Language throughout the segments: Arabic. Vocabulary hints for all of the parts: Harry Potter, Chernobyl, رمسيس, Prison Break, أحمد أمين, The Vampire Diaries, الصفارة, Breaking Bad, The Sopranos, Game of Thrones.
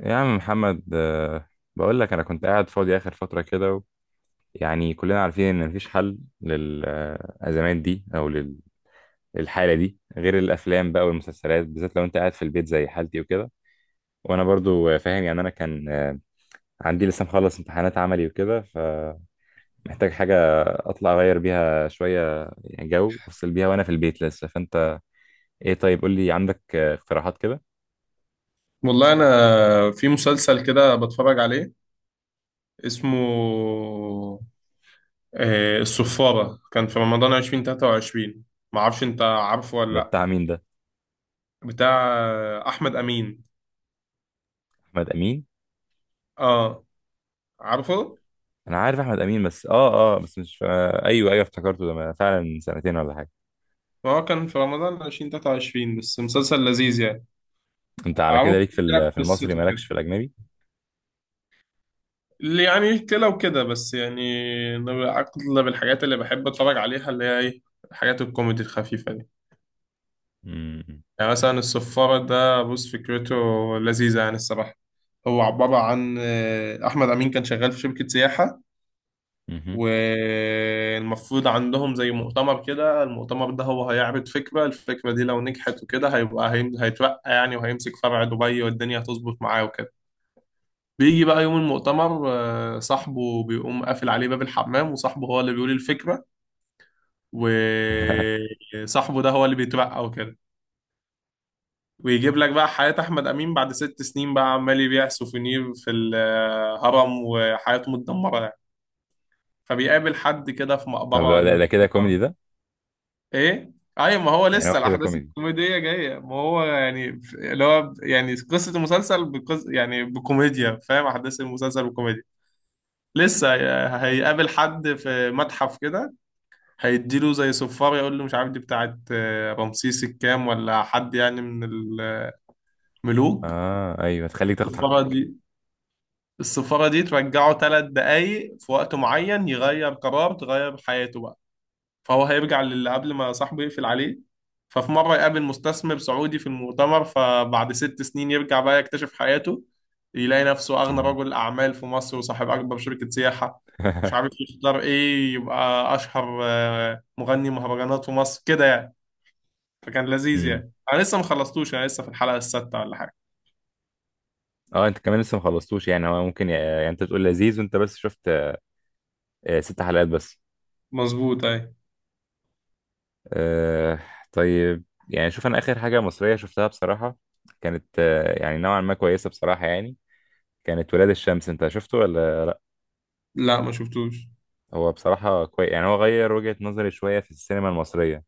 يا عم محمد، بقول لك انا كنت قاعد فاضي اخر فتره كده و... يعني كلنا عارفين ان مفيش حل للازمات دي او للحاله دي غير الافلام بقى والمسلسلات، بالذات لو انت قاعد في البيت زي حالتي وكده. وانا برضو فاهم يعني. انا كان عندي لسه مخلص امتحانات عملي وكده، فمحتاج حاجه اطلع اغير بيها شويه، يعني جو افصل بيها وانا في البيت لسه. فانت ايه؟ طيب قول لي، عندك اقتراحات كده؟ والله انا في مسلسل كده بتفرج عليه اسمه الصفارة. كان في رمضان 2023. ما اعرفش انت عارفه ولا ده لا. بتاع مين ده؟ بتاع احمد امين. احمد امين. اه، عارفه. انا عارف احمد امين، بس بس مش ايوه ايوه، افتكرته. ده فعلا من سنتين ولا حاجه. هو كان في رمضان 2023 بس مسلسل لذيذ يعني. انت على عمرو كده ليك احكي في لك في المصري، قصته مالكش كده، في الاجنبي؟ اللي يعني كده وكده بس يعني. أنا اغلب الحاجات اللي بحب اتفرج عليها اللي هي ايه، الحاجات الكوميدي الخفيفة. امم. يعني مثلا الصفارة ده بص فكرته لذيذة يعني الصراحة. هو عبارة عن أحمد أمين كان شغال في شركة سياحة. مهم. والمفروض عندهم زي مؤتمر كده، المؤتمر ده هو هيعرض فكرة، الفكرة دي لو نجحت وكده هيبقى هيترقى يعني، وهيمسك فرع دبي والدنيا هتظبط معاه وكده. بيجي بقى يوم المؤتمر، صاحبه بيقوم قافل عليه باب الحمام، وصاحبه هو اللي بيقول الفكرة. وصاحبه ده هو اللي بيترقى وكده. ويجيب لك بقى حياة أحمد أمين بعد ست سنين بقى، عمال يبيع سوفينير في الهرم وحياته متدمرة يعني. فبيقابل حد كده في طب مقبرة ده كده كوميدي ده. إيه؟ أيوة، ما هو يعني هو لسه كده الأحداث كوميدي؟ الكوميدية جاية، ما هو يعني اللي هو يعني قصة المسلسل يعني بكوميديا، فاهم، أحداث المسلسل بكوميديا. لسه هيقابل حد في متحف كده، هيديله زي صفار، يقول له مش عارف دي بتاعت رمسيس الكام، ولا حد يعني من الملوك. اه ايوه، تخليك تاخد الصفارة حقك. دي، السفارة دي ترجعه ثلاث دقايق في وقت معين، يغير قرار تغير حياته بقى. فهو هيرجع للي قبل ما صاحبه يقفل عليه. ففي مرة يقابل مستثمر سعودي في المؤتمر، فبعد ست سنين يرجع بقى، يكتشف حياته، يلاقي نفسه أغنى مهم. رجل أعمال في مصر وصاحب أكبر شركة سياحة. مش عارف يختار إيه، يبقى أشهر مغني مهرجانات في مصر كده يعني. فكان لذيذ مم. يعني. أنا لسه ما خلصتوش، أنا لسه في الحلقة السادسة ولا حاجة. اه، انت كمان لسه ما خلصتوش، يعني هو ممكن يعني انت بتقول لذيذ وانت بس شفت ست حلقات بس. مظبوط، أي. آه طيب يعني شوف، انا اخر حاجه مصريه شفتها بصراحه كانت يعني نوعا ما كويسه بصراحه يعني. كانت ولاد الشمس، انت شفته ولا؟ لا، ما شفتوش. هو بصراحة كويس، يعني هو غير وجهة نظري شوية في السينما المصرية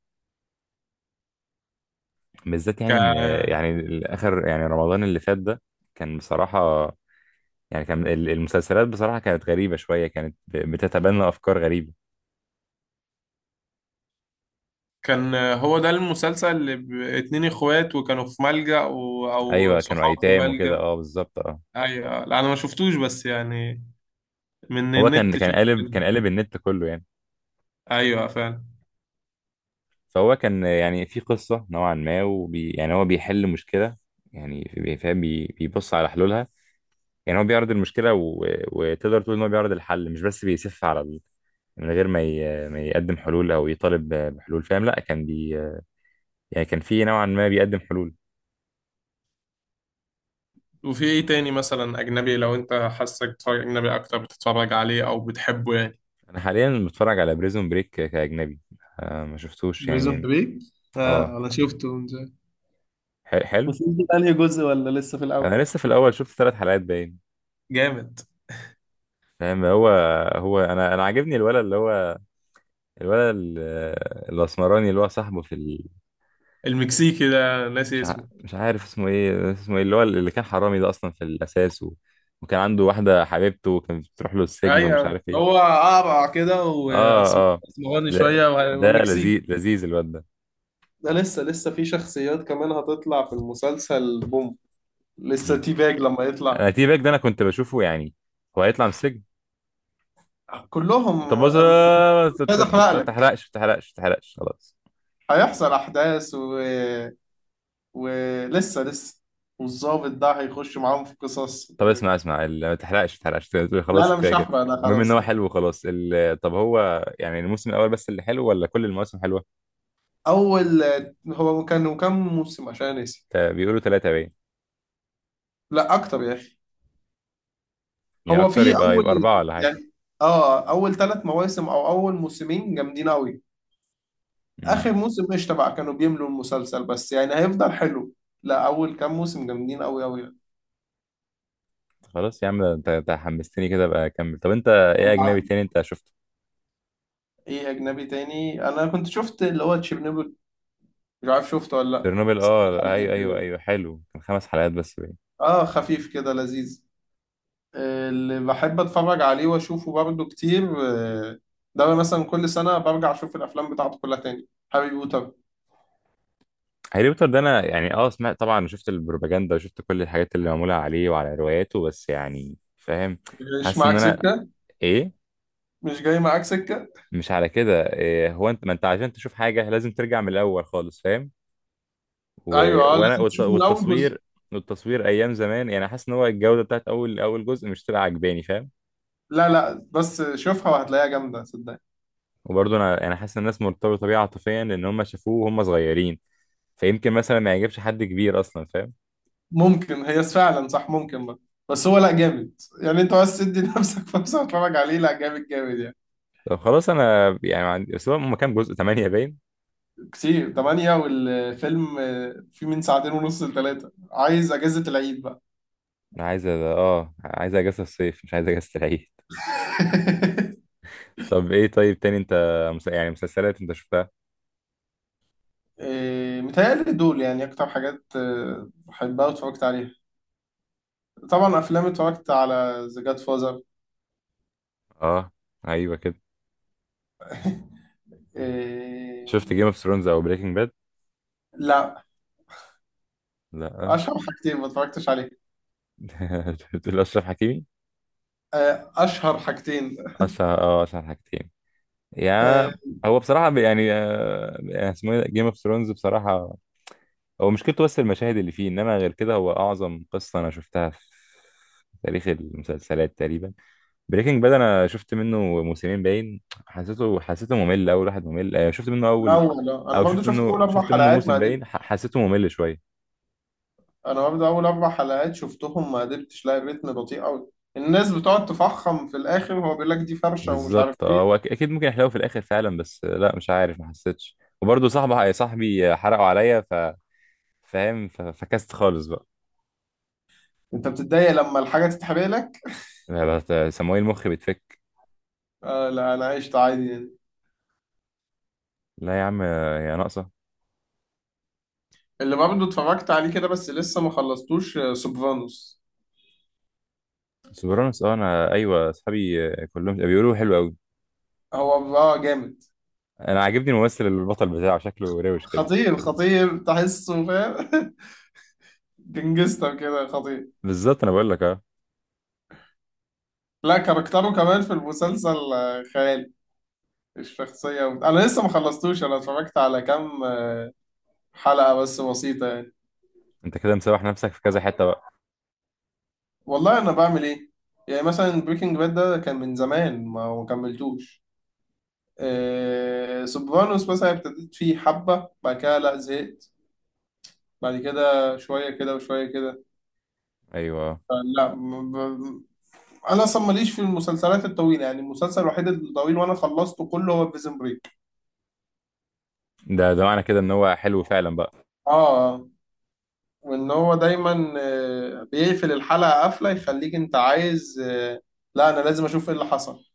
بالذات، يعني إن، ك يعني آخر، يعني رمضان اللي فات ده كان بصراحة، يعني كان المسلسلات بصراحة كانت غريبة شوية، كانت بتتبنى أفكار غريبة. كان هو ده المسلسل اللي اتنين اخوات، وكانوا في ملجأ او أيوة كانوا صحاب في أيتام وكده، ملجأ. أه بالظبط، أه. ايوه، لا انا ما شفتوش بس يعني من هو كان النت كان شفت. قالب كان قالب النت كله يعني. ايوه فعلا. فهو كان يعني في قصة نوعا ما، وبي يعني هو بيحل مشكلة، يعني فاهم، بيبص على حلولها. يعني هو بيعرض المشكله و... وتقدر تقول ان هو بيعرض الحل، مش بس بيسف على ال... من غير ما ي... ما يقدم حلول، او يطالب بحلول، فاهم؟ لا كان بي، يعني كان في نوعا ما بيقدم حلول. وفي ايه تاني مثلا اجنبي، لو انت حاسك بتتفرج اجنبي اكتر بتتفرج عليه او بتحبه يعني. انا حاليا بتفرج على بريزون بريك كاجنبي. ما شفتوش بريزون يعني؟ بريك. اه آه، أنا شفته من زمان. حلو. بس انت انهي جزء ولا لسه في الاول؟ انا لسه في الاول، شفت 3 حلقات باين. جامد. فاهم؟ هو انا عاجبني الولد اللي هو، الولد الاسمراني، اللي هو صاحبه في. المكسيكي ده ناسي اسمه. مش عارف اسمه ايه، اسمه ايه اللي هو اللي كان حرامي ده اصلا في الاساس، و... وكان عنده واحده حبيبته وكانت بتروح له السجن ومش ايوه، عارف هو ايه. اقرع كده اه واسمراني لا، شويه وهو ده مكسيكي. لذيذ لذيذ الواد ده. ده لسه في شخصيات كمان هتطلع في المسلسل بوم، لسه مم. تي باج لما يطلع. انا تي باك ده انا كنت بشوفه يعني. هو هيطلع من السجن؟ كلهم. طب بص، مش عايز احرق ما لك. تحرقش ما تحرقش ما تحرقش خلاص. هيحصل احداث ولسه، والظابط ده هيخش معاهم في قصص. طب اسمع اسمع ما تحرقش ما تحرقش، لا خلاص لا، كفايه مش كده. هحرق انا، المهم ان خلاص هو ده. حلو وخلاص ال... طب هو يعني الموسم الاول بس اللي حلو ولا كل المواسم حلوه؟ اول. هو كان كام موسم عشان نسي؟ بيقولوا ثلاثه باين. لا اكتر يا اخي. يعني هو في اكتر، يبقى اول اربعه ولا حاجه. يعني، اه اول ثلاث مواسم او اول موسمين جامدين قوي. اخر امم. موسم مش تبع، كانوا بيملوا المسلسل، بس يعني هيفضل حلو. لا، اول كام موسم جامدين قوي قوي يعني. خلاص يا عم، ده انت حمستني كده، بقى اكمل. طب انت ايه أو عارف. اجنبي تاني انت شفته؟ ايه اجنبي تاني؟ انا كنت شفت اللي هو تشيرنوبل، مش عارف شفته ولا لا، تشيرنوبل، بس اه حلقة ايوه ايوه كده. ايوه حلو، كان 5 حلقات بس باين. اه، خفيف كده لذيذ. اللي بحب اتفرج عليه واشوفه برضه كتير، ده مثلا كل سنة برجع اشوف الافلام بتاعته كلها تاني، هاري بوتر. هاري بوتر ده انا يعني اه سمعت طبعا، شفت البروباجندا وشفت كل الحاجات اللي معموله عليه وعلى رواياته، بس يعني فاهم، مش حاسس ان معاك انا، سكة. ايه؟ مش جاي معاك سكة. مش على كده. إيه هو؟ انت ما انت عشان تشوف حاجه لازم ترجع من الاول خالص، فاهم؟ و... ايوه، اه وانا لازم تشوف من اول جزء. والتصوير، والتصوير ايام زمان يعني، حاسس ان هو الجوده بتاعت اول جزء مش تبقى عجباني، فاهم؟ لا لا، بس شوفها وهتلاقيها جامدة صدقني. وبرضه انا يعني حاسس ان الناس مرتبطه بيه عاطفيا، لان هم شافوه وهم صغيرين، فيمكن مثلا ما يعجبش حد كبير اصلا، فاهم؟ ممكن، هي فعلا صح، ممكن بقى. بس هو لا جامد يعني، انت بس تدي لنفسك فرصه تتفرج عليه، لا جامد جامد يعني. طب خلاص، انا يعني ما عندي. بس هو هم كام جزء، 8 باين. كتير، تمانية. والفيلم فيه من ساعتين ونص لثلاثة، عايز اجازة العيد بقى. انا عايز اه عايز اجازه الصيف، مش عايز اجازه العيد. طب ايه طيب تاني انت يعني مسلسلات انت شفتها؟ متهيألي دول يعني اكتر حاجات بحبها واتفرجت عليها. طبعا افلام اتفرجت على ذا جاد فازر. اه ايوه كده. شفت جيم اوف ثرونز او بريكنج باد؟ لا، لا. اشهر حاجتين ما اتفرجتش عليها. بتقول اشرف حكيمي؟ اشهر حاجتين. اشرف، اه اشرف حكيمي؟ يا، آه، هو بصراحه يعني اسمه جيم اوف ثرونز. بصراحه هو مشكلته بس المشاهد اللي فيه، انما غير كده هو اعظم قصه انا شفتها في تاريخ المسلسلات تقريبا. بريكنج باد انا شفت منه موسمين باين، حسيته ممل، اول واحد ممل. شفت منه اول، الاول، انا او برضو شفت شفت منه اول اربع شفت منه حلقات ما. موسم باين، حسيته ممل شويه. انا برضه اول اربع حلقات شفتهم ما قدرتش، لاقي الريتم بطيء قوي. الناس بتقعد تفخم في الاخر وهو بيقول لك دي فرشه ومش عارف بالظبط. ايه. هو اكيد ممكن يحلو في الاخر فعلا، بس لا مش عارف، ما حسيتش. وبرضه صاحبي حرقوا عليا، ف فاهم، فكست خالص بقى. انت بتتضايق لما الحاجه تتحرق لك؟ لا، لا، سموه المخ بيتفك. لا، انا عشت عادي يعني. لا يا عم، يا ناقصه. اللي برضه اتفرجت عليه كده بس لسه ما خلصتوش سوبرانوس. سوبرانوس، اه انا ايوه اصحابي كلهم بيقولوا حلو قوي. هو جامد. انا عاجبني الممثل البطل بتاعه، شكله روش كده. خطير، خطير تحسه فاهم. جنجستر كده خطير. بالظبط، انا بقول لك اه. لا، كاركتره كمان في المسلسل خيالي، الشخصيه. انا لسه ما خلصتوش، انا اتفرجت على كام حلقه بس بسيطه يعني. انت كده مسوح نفسك في كذا حته بقى. والله انا بعمل ايه. يعني مثلا بريكنج باد ده كان من زمان ما كملتوش. آه، سوبرانوس مثلا ابتديت فيه حبة، بعد كده لا زهقت، بعد كده شوية كده وشوية كده. ايوه آه. لا انا اصلا ماليش في المسلسلات الطويلة، يعني المسلسل الوحيد الطويل وانا خلصته كله هو بريزن بريك. ده معنى كده ان هو حلو فعلا بقى. اه، وان هو دايما بيقفل الحلقة قفلة يخليك انت عايز، لا انا لازم اشوف ايه اللي حصل.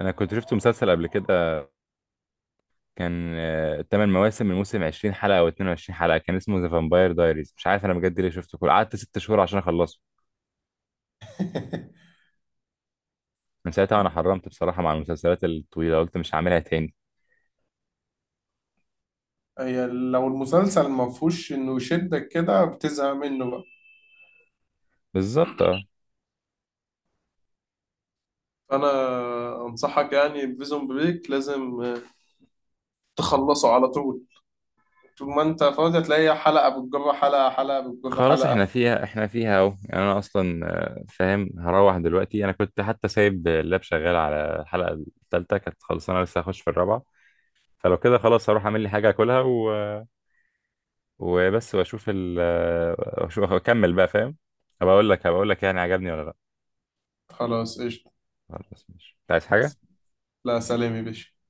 انا كنت شفت مسلسل قبل كده، كان تمن مواسم، الموسم 20 حلقه او 22 حلقه، كان اسمه ذا فامباير دايريز. مش عارف انا بجد ليه شفته كله، قعدت 6 شهور عشان اخلصه. من ساعتها وانا حرمت بصراحه مع المسلسلات الطويله، قلت مش هعملها تاني. هي لو المسلسل ما فيهوش انه يشدك كده بتزهق منه بقى. بالظبط اه. فانا انصحك يعني بفيزون بريك، لازم تخلصه على طول. طول ما انت فاضي هتلاقي حلقة بتجر حلقة، حلقة بتجر خلاص حلقة. احنا فيها احنا فيها اهو يعني. انا اصلا فاهم، هروح دلوقتي. انا كنت حتى سايب اللاب شغال على الحلقه الثالثه، كانت خلصانه، لسه هخش في الرابعه. فلو كده خلاص هروح اعمل لي حاجه اكلها، و... وبس واشوف ال آه، واشوف اكمل بقى، فاهم؟ هبقى اقول لك، هبقى اقول لك يعني عجبني ولا لا. خلاص قشطة. خلاص ماشي، انت عايز حاجه؟ لا، سلام يا باشا.